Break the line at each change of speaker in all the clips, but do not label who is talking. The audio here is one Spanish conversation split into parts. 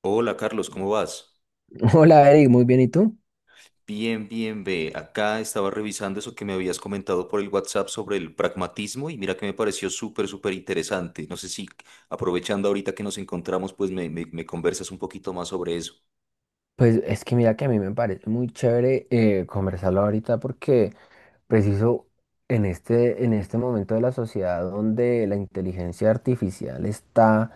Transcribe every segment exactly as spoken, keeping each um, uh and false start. Hola Carlos, ¿cómo vas?
Hola Eric, muy bien, ¿y tú?
Bien, bien, ve. Acá estaba revisando eso que me habías comentado por el WhatsApp sobre el pragmatismo y mira que me pareció súper, súper interesante. No sé si aprovechando ahorita que nos encontramos, pues me, me- me conversas un poquito más sobre eso.
Pues es que mira que a mí me parece muy chévere eh, conversarlo ahorita porque preciso en este, en este momento de la sociedad donde la inteligencia artificial está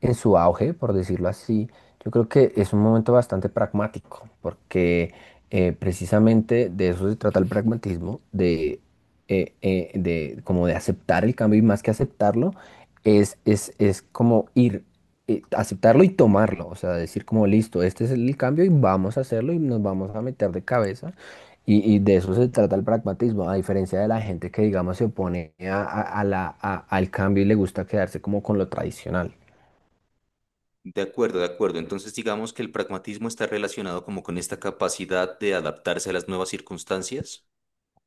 en su auge, por decirlo así, yo creo que es un momento bastante pragmático, porque eh, precisamente de eso se trata el pragmatismo, de, eh, eh, de como de aceptar el cambio y más que aceptarlo, es, es, es como ir, eh, aceptarlo y tomarlo, o sea, decir como listo, este es el cambio y vamos a hacerlo y nos vamos a meter de cabeza. Y, y de eso se trata el pragmatismo, a diferencia de la gente que, digamos, se opone a, a- a la, a- al cambio y le gusta quedarse como con lo tradicional.
De acuerdo, de acuerdo. Entonces digamos que el pragmatismo está relacionado como con esta capacidad de adaptarse a las nuevas circunstancias.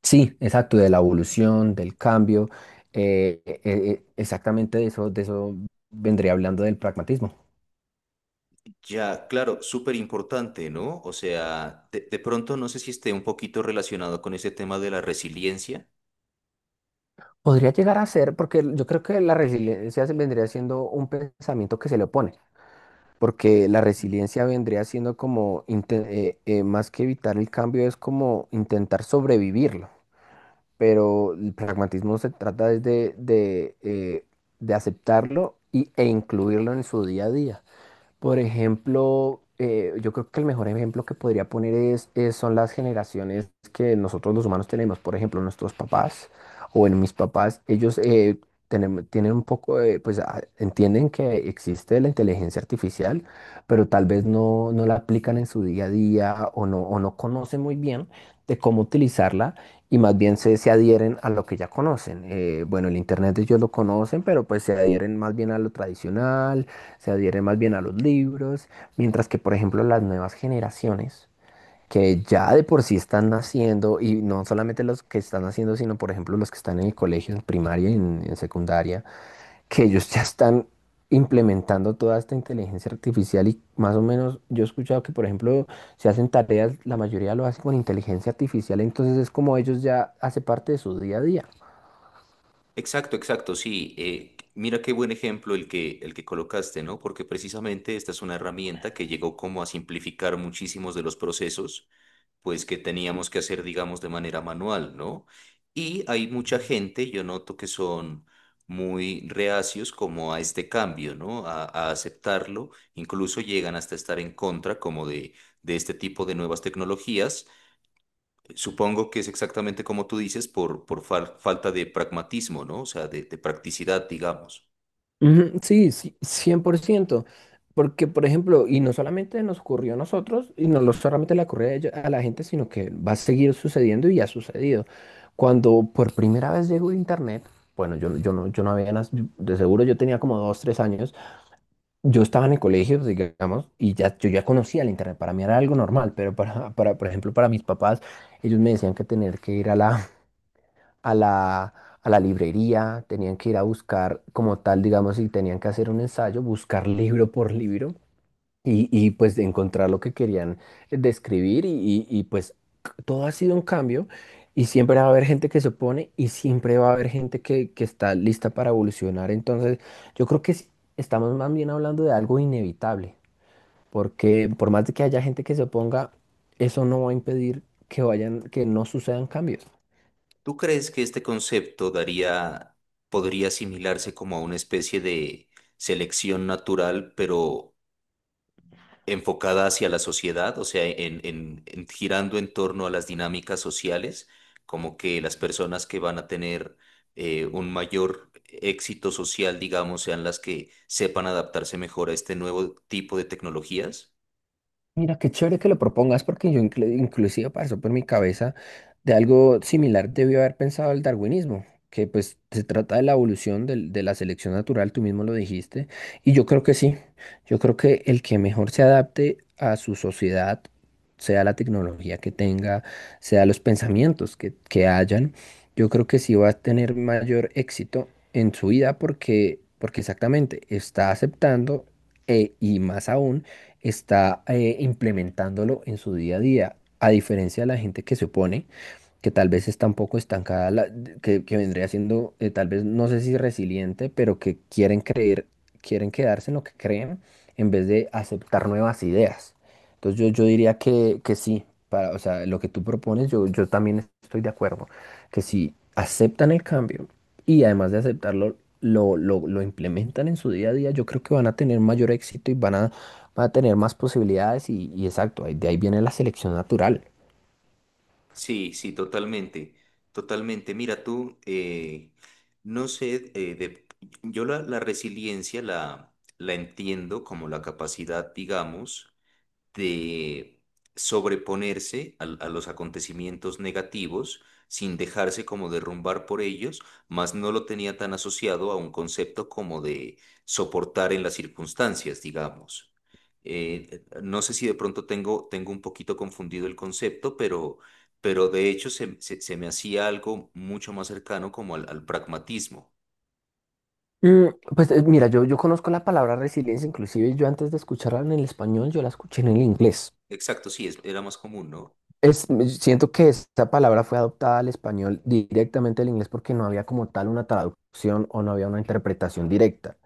Sí, exacto, de la evolución, del cambio, eh, eh, eh, exactamente de eso, de eso vendría hablando del pragmatismo.
Ya, claro, súper importante, ¿no? O sea, de de pronto no sé si esté un poquito relacionado con ese tema de la resiliencia.
Podría llegar a ser, porque yo creo que la resiliencia se vendría siendo un pensamiento que se le opone, porque la resiliencia vendría siendo como, inte- eh, eh, más que evitar el cambio, es como intentar sobrevivirlo, pero el pragmatismo se trata es de, de, eh, de aceptarlo y, e incluirlo en su día a día. Por ejemplo, eh, yo creo que el mejor ejemplo que podría poner es, es- son las generaciones que nosotros los humanos tenemos. Por ejemplo, nuestros papás o en mis papás, ellos eh, tenem- tienen un poco de, pues a- entienden que existe la inteligencia artificial, pero tal vez no, no la aplican en su día a día o no, o no conocen muy bien de cómo utilizarla y más bien se, se adhieren a lo que ya conocen. Eh, bueno, el Internet ellos lo conocen, pero pues se adhieren más bien a lo tradicional, se adhieren más bien a los libros, mientras que, por ejemplo, las nuevas generaciones, que ya de por sí están naciendo, y no solamente los que están naciendo, sino, por ejemplo, los que están en el colegio, en primaria y en, en secundaria, que ellos ya están implementando toda esta inteligencia artificial y más o menos yo he escuchado que, por ejemplo, si hacen tareas, la mayoría lo hacen con inteligencia artificial, entonces es como ellos ya hace parte de su día a día.
Exacto, exacto, sí. Eh, mira qué buen ejemplo el que, el que colocaste, ¿no? Porque precisamente esta es una herramienta que llegó como a simplificar muchísimos de los procesos, pues que teníamos que hacer, digamos, de manera manual, ¿no? Y hay mucha gente, yo noto que son muy reacios como a este cambio, ¿no? A, a aceptarlo, incluso llegan hasta estar en contra como de, de este tipo de nuevas tecnologías. Supongo que es exactamente como tú dices, por, por fal- falta de pragmatismo, ¿no? O sea, de, de practicidad, digamos.
Ujú, sí, sí, cien por ciento. Porque, por ejemplo, y no solamente nos ocurrió a nosotros, y no lo- solamente le ocurrió a ello- a la gente, sino que va a seguir sucediendo y ha sucedido. Cuando por primera vez llegó Internet, bueno, yo, yo no, yo no había, nas- de seguro yo tenía como dos, tres años, yo estaba en el colegio, digamos, y ya, yo ya conocía el Internet, para mí era algo normal, pero para, para, por ejemplo, para mis papás, ellos me decían que tener que ir a la, a la, a la librería, tenían que ir a buscar como tal, digamos, si tenían que hacer un ensayo, buscar libro por libro y, y, pues de encontrar lo que querían eh, describir y, y- y, pues c- todo ha sido un cambio y siempre va a haber gente que se opone y siempre va a haber gente que, que está lista para evolucionar. Entonces, yo creo que sí, estamos más bien hablando de algo inevitable, porque por más de que haya gente que se oponga, eso no va a impedir que vayan, que no sucedan cambios.
¿Tú crees que este concepto daría, podría asimilarse como a una especie de selección natural, pero enfocada hacia la sociedad, o sea, en, en- en- girando en torno a las dinámicas sociales, como que las personas que van a tener eh, un mayor éxito social, digamos, sean las que sepan adaptarse mejor a este nuevo tipo de tecnologías?
Mira, qué chévere que lo propongas porque yo inclu- inclusive pasó por mi cabeza de algo similar, debió haber pensado el darwinismo, que pues se trata de la evolución del- de la selección natural, tú mismo lo dijiste, y yo creo que sí, yo creo que el que mejor se adapte a su sociedad, sea la tecnología que tenga, sea los pensamientos que, que hayan, yo creo que sí va a tener mayor éxito en su vida porque, porque exactamente está aceptando. E- y más aún está eh, implementándolo en su día a día, a diferencia de la gente que se opone, que tal vez está un poco estancada, la- de- que, que vendría siendo eh, tal vez, no sé si resiliente, pero que quieren creer, quieren quedarse en lo que creen en vez de aceptar nuevas ideas. Entonces yo, yo diría que, que sí, para, o sea, lo que tú propones, yo, yo también estoy de acuerdo, que si aceptan el cambio y además de aceptarlo, lo, lo, lo implementan en su día a día, yo creo que van a tener mayor éxito y van a, van a tener más posibilidades y, y exacto, ahí- de ahí viene la selección natural.
Sí, sí, totalmente, totalmente. Mira, tú, eh, no sé, eh, de- yo la, la resiliencia la, la entiendo como la capacidad, digamos, de sobreponerse al- a los acontecimientos negativos sin dejarse como derrumbar por ellos, mas no lo tenía tan asociado a un concepto como de soportar en las circunstancias, digamos. Eh, no sé si de pronto tengo, tengo un poquito confundido el concepto, pero, pero de hecho se, se- se me hacía algo mucho más cercano como al, al pragmatismo.
Mm, pues eh, mira, yo, yo conozco la palabra resiliencia, inclusive yo antes de escucharla en el español, yo la escuché en el inglés.
Exacto, sí, es- era más común, ¿no?
Es, me- siento que esta palabra fue adoptada al español directamente al inglés porque no había como tal una traducción o no había una interpretación directa.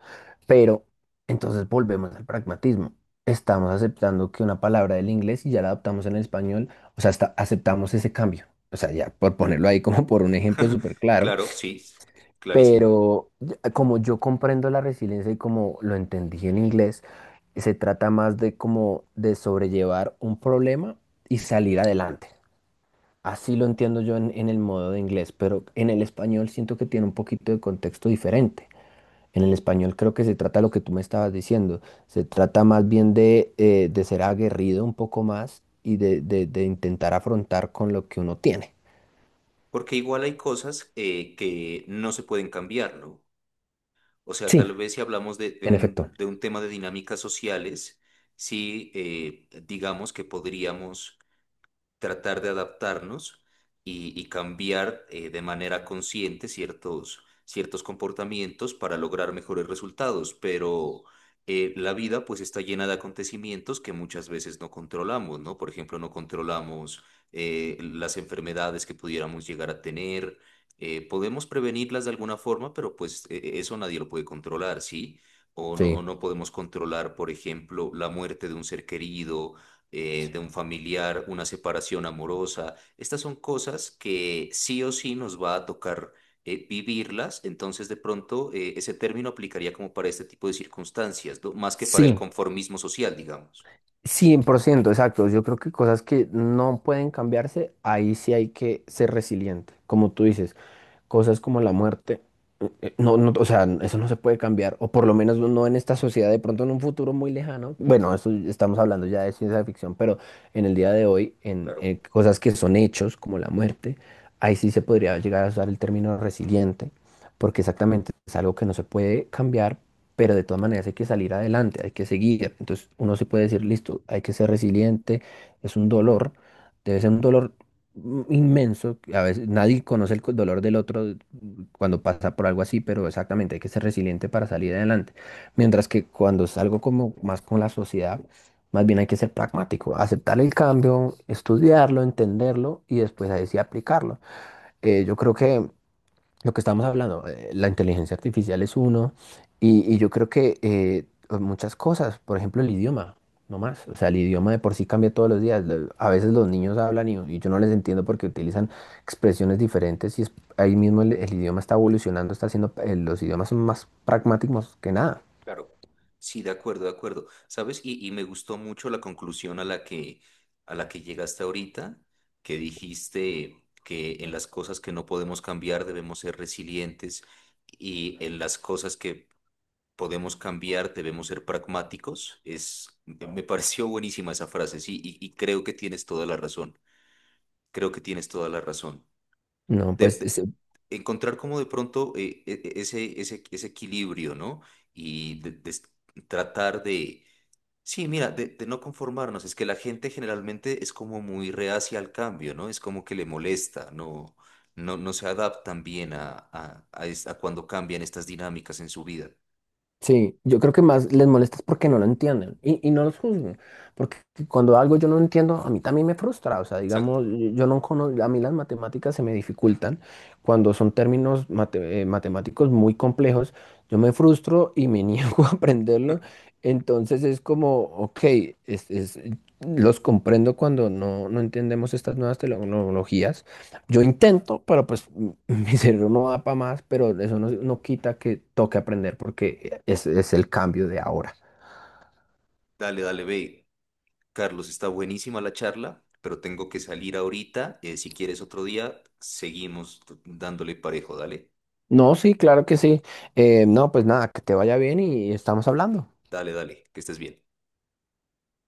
Pero entonces volvemos al pragmatismo. Estamos aceptando que una palabra del inglés y ya la adaptamos en el español, o sea, hasta aceptamos ese cambio. O sea, ya por ponerlo ahí como por un ejemplo súper claro.
Claro, sí, clarísimo.
Pero ya- como yo comprendo la resiliencia y como lo entendí en inglés, se trata más de como de sobrellevar un problema y salir adelante. Así lo entiendo yo en, en el modo de inglés, pero en el español siento que tiene un poquito de contexto diferente. En el español creo que se trata lo que tú me estabas diciendo. Se trata más bien de, eh, de ser aguerrido un poco más y de, de de intentar afrontar con lo que uno tiene.
Porque igual hay cosas eh, que no se pueden cambiar, ¿no? O sea,
Sí,
tal vez si hablamos de, de
en
un,
efecto.
de un tema de dinámicas sociales, sí, eh, digamos que podríamos tratar de adaptarnos y, y cambiar eh, de manera consciente ciertos, ciertos comportamientos para lograr mejores resultados, pero eh, la vida pues está llena de acontecimientos que muchas veces no controlamos, ¿no? Por ejemplo, no controlamos eh, las enfermedades que pudiéramos llegar a tener. Eh, podemos prevenirlas de alguna forma, pero pues eh, eso nadie lo puede controlar, ¿sí? O no,
Sí.
o no podemos controlar, por ejemplo, la muerte de un ser querido, eh, de un familiar, una separación amorosa. Estas son cosas que sí o sí nos va a tocar eh, vivirlas, entonces de pronto eh, ese término aplicaría como para este tipo de circunstancias, ¿no? Más que para el
Sí,
conformismo social, digamos.
cien por ciento exacto. Yo creo que cosas que no pueden cambiarse, ahí sí hay que ser resiliente. Como tú dices, cosas como la muerte, eh, eh, no, no, o sea, eso no se puede cambiar, o por lo menos no en esta sociedad, de pronto en un futuro muy lejano. Bueno, eso estamos hablando ya de ciencia ficción, pero en el día de hoy, en,
Claro,
eh, cosas que son hechos, como la muerte, ahí sí se podría llegar a usar el término resiliente, porque exactamente es algo que no se puede cambiar, pero de todas maneras hay que salir adelante, hay que seguir. Entonces uno se puede decir, listo, hay que ser resiliente, es un dolor, debe ser un dolor mm, inmenso, que a veces nadie conoce el co- dolor del otro mm, cuando pasa por algo así, pero exactamente, hay que ser resiliente para salir adelante. Mientras que cuando es algo como más con la sociedad, más bien hay que ser pragmático, aceptar el cambio, estudiarlo, entenderlo y después ahí sí aplicarlo. Eh, yo creo que lo que estamos hablando, eh, la inteligencia artificial es uno, y, y yo creo que eh, muchas cosas, por ejemplo, el idioma, no más. O sea, el idioma de por sí cambia todos los días. Lo- A veces los niños hablan y, y yo no les entiendo porque utilizan expresiones diferentes y es- ahí mismo el, el idioma está evolucionando, está haciendo, eh, los idiomas son más pragmáticos que nada.
claro. Sí, de acuerdo, de acuerdo. ¿Sabes? Y, y me gustó mucho la conclusión a la que, a la que llegaste ahorita, que dijiste que en las cosas que no podemos cambiar debemos ser resilientes y en las cosas que podemos cambiar, debemos ser pragmáticos. Es, me pareció buenísima esa frase, sí, y, y creo que tienes toda la razón. Creo que tienes toda la razón.
No,
De-
pues
de- Encontrar como de pronto eh, e- e- ese, ese, ese equilibrio, ¿no? Y de- de s- Tratar de, sí, mira, de, de no conformarnos. Es que la gente generalmente es como muy reacia al cambio, ¿no? Es como que le molesta, ¿no? No, no se adaptan bien a, a, a es- a cuando cambian estas dinámicas en su vida.
sí, yo creo que más les molesta es porque no lo entienden y, y no los juzguen. Porque cuando algo yo no entiendo, a mí también me frustra. O sea, digamos,
Exacto.
yo yo no conozco, a mí las matemáticas se me dificultan cuando son términos mate- eh, matemáticos muy complejos. Yo me frustro y me niego a aprenderlo. Entonces es como, ok, es, es- los comprendo cuando no, no entendemos estas nuevas tecnologías, yo intento, pero pues m- mi cerebro no da para más, pero eso no, no quita que toque aprender porque es, es el cambio de ahora.
Dale, dale, ve. Carlos, está buenísima la charla, pero tengo que salir ahorita. Eh, si quieres otro día, seguimos dándole parejo. Dale,
No, sí, claro que sí. Eh, no, pues nada, que te vaya bien y estamos hablando.
dale, dale, que estés bien.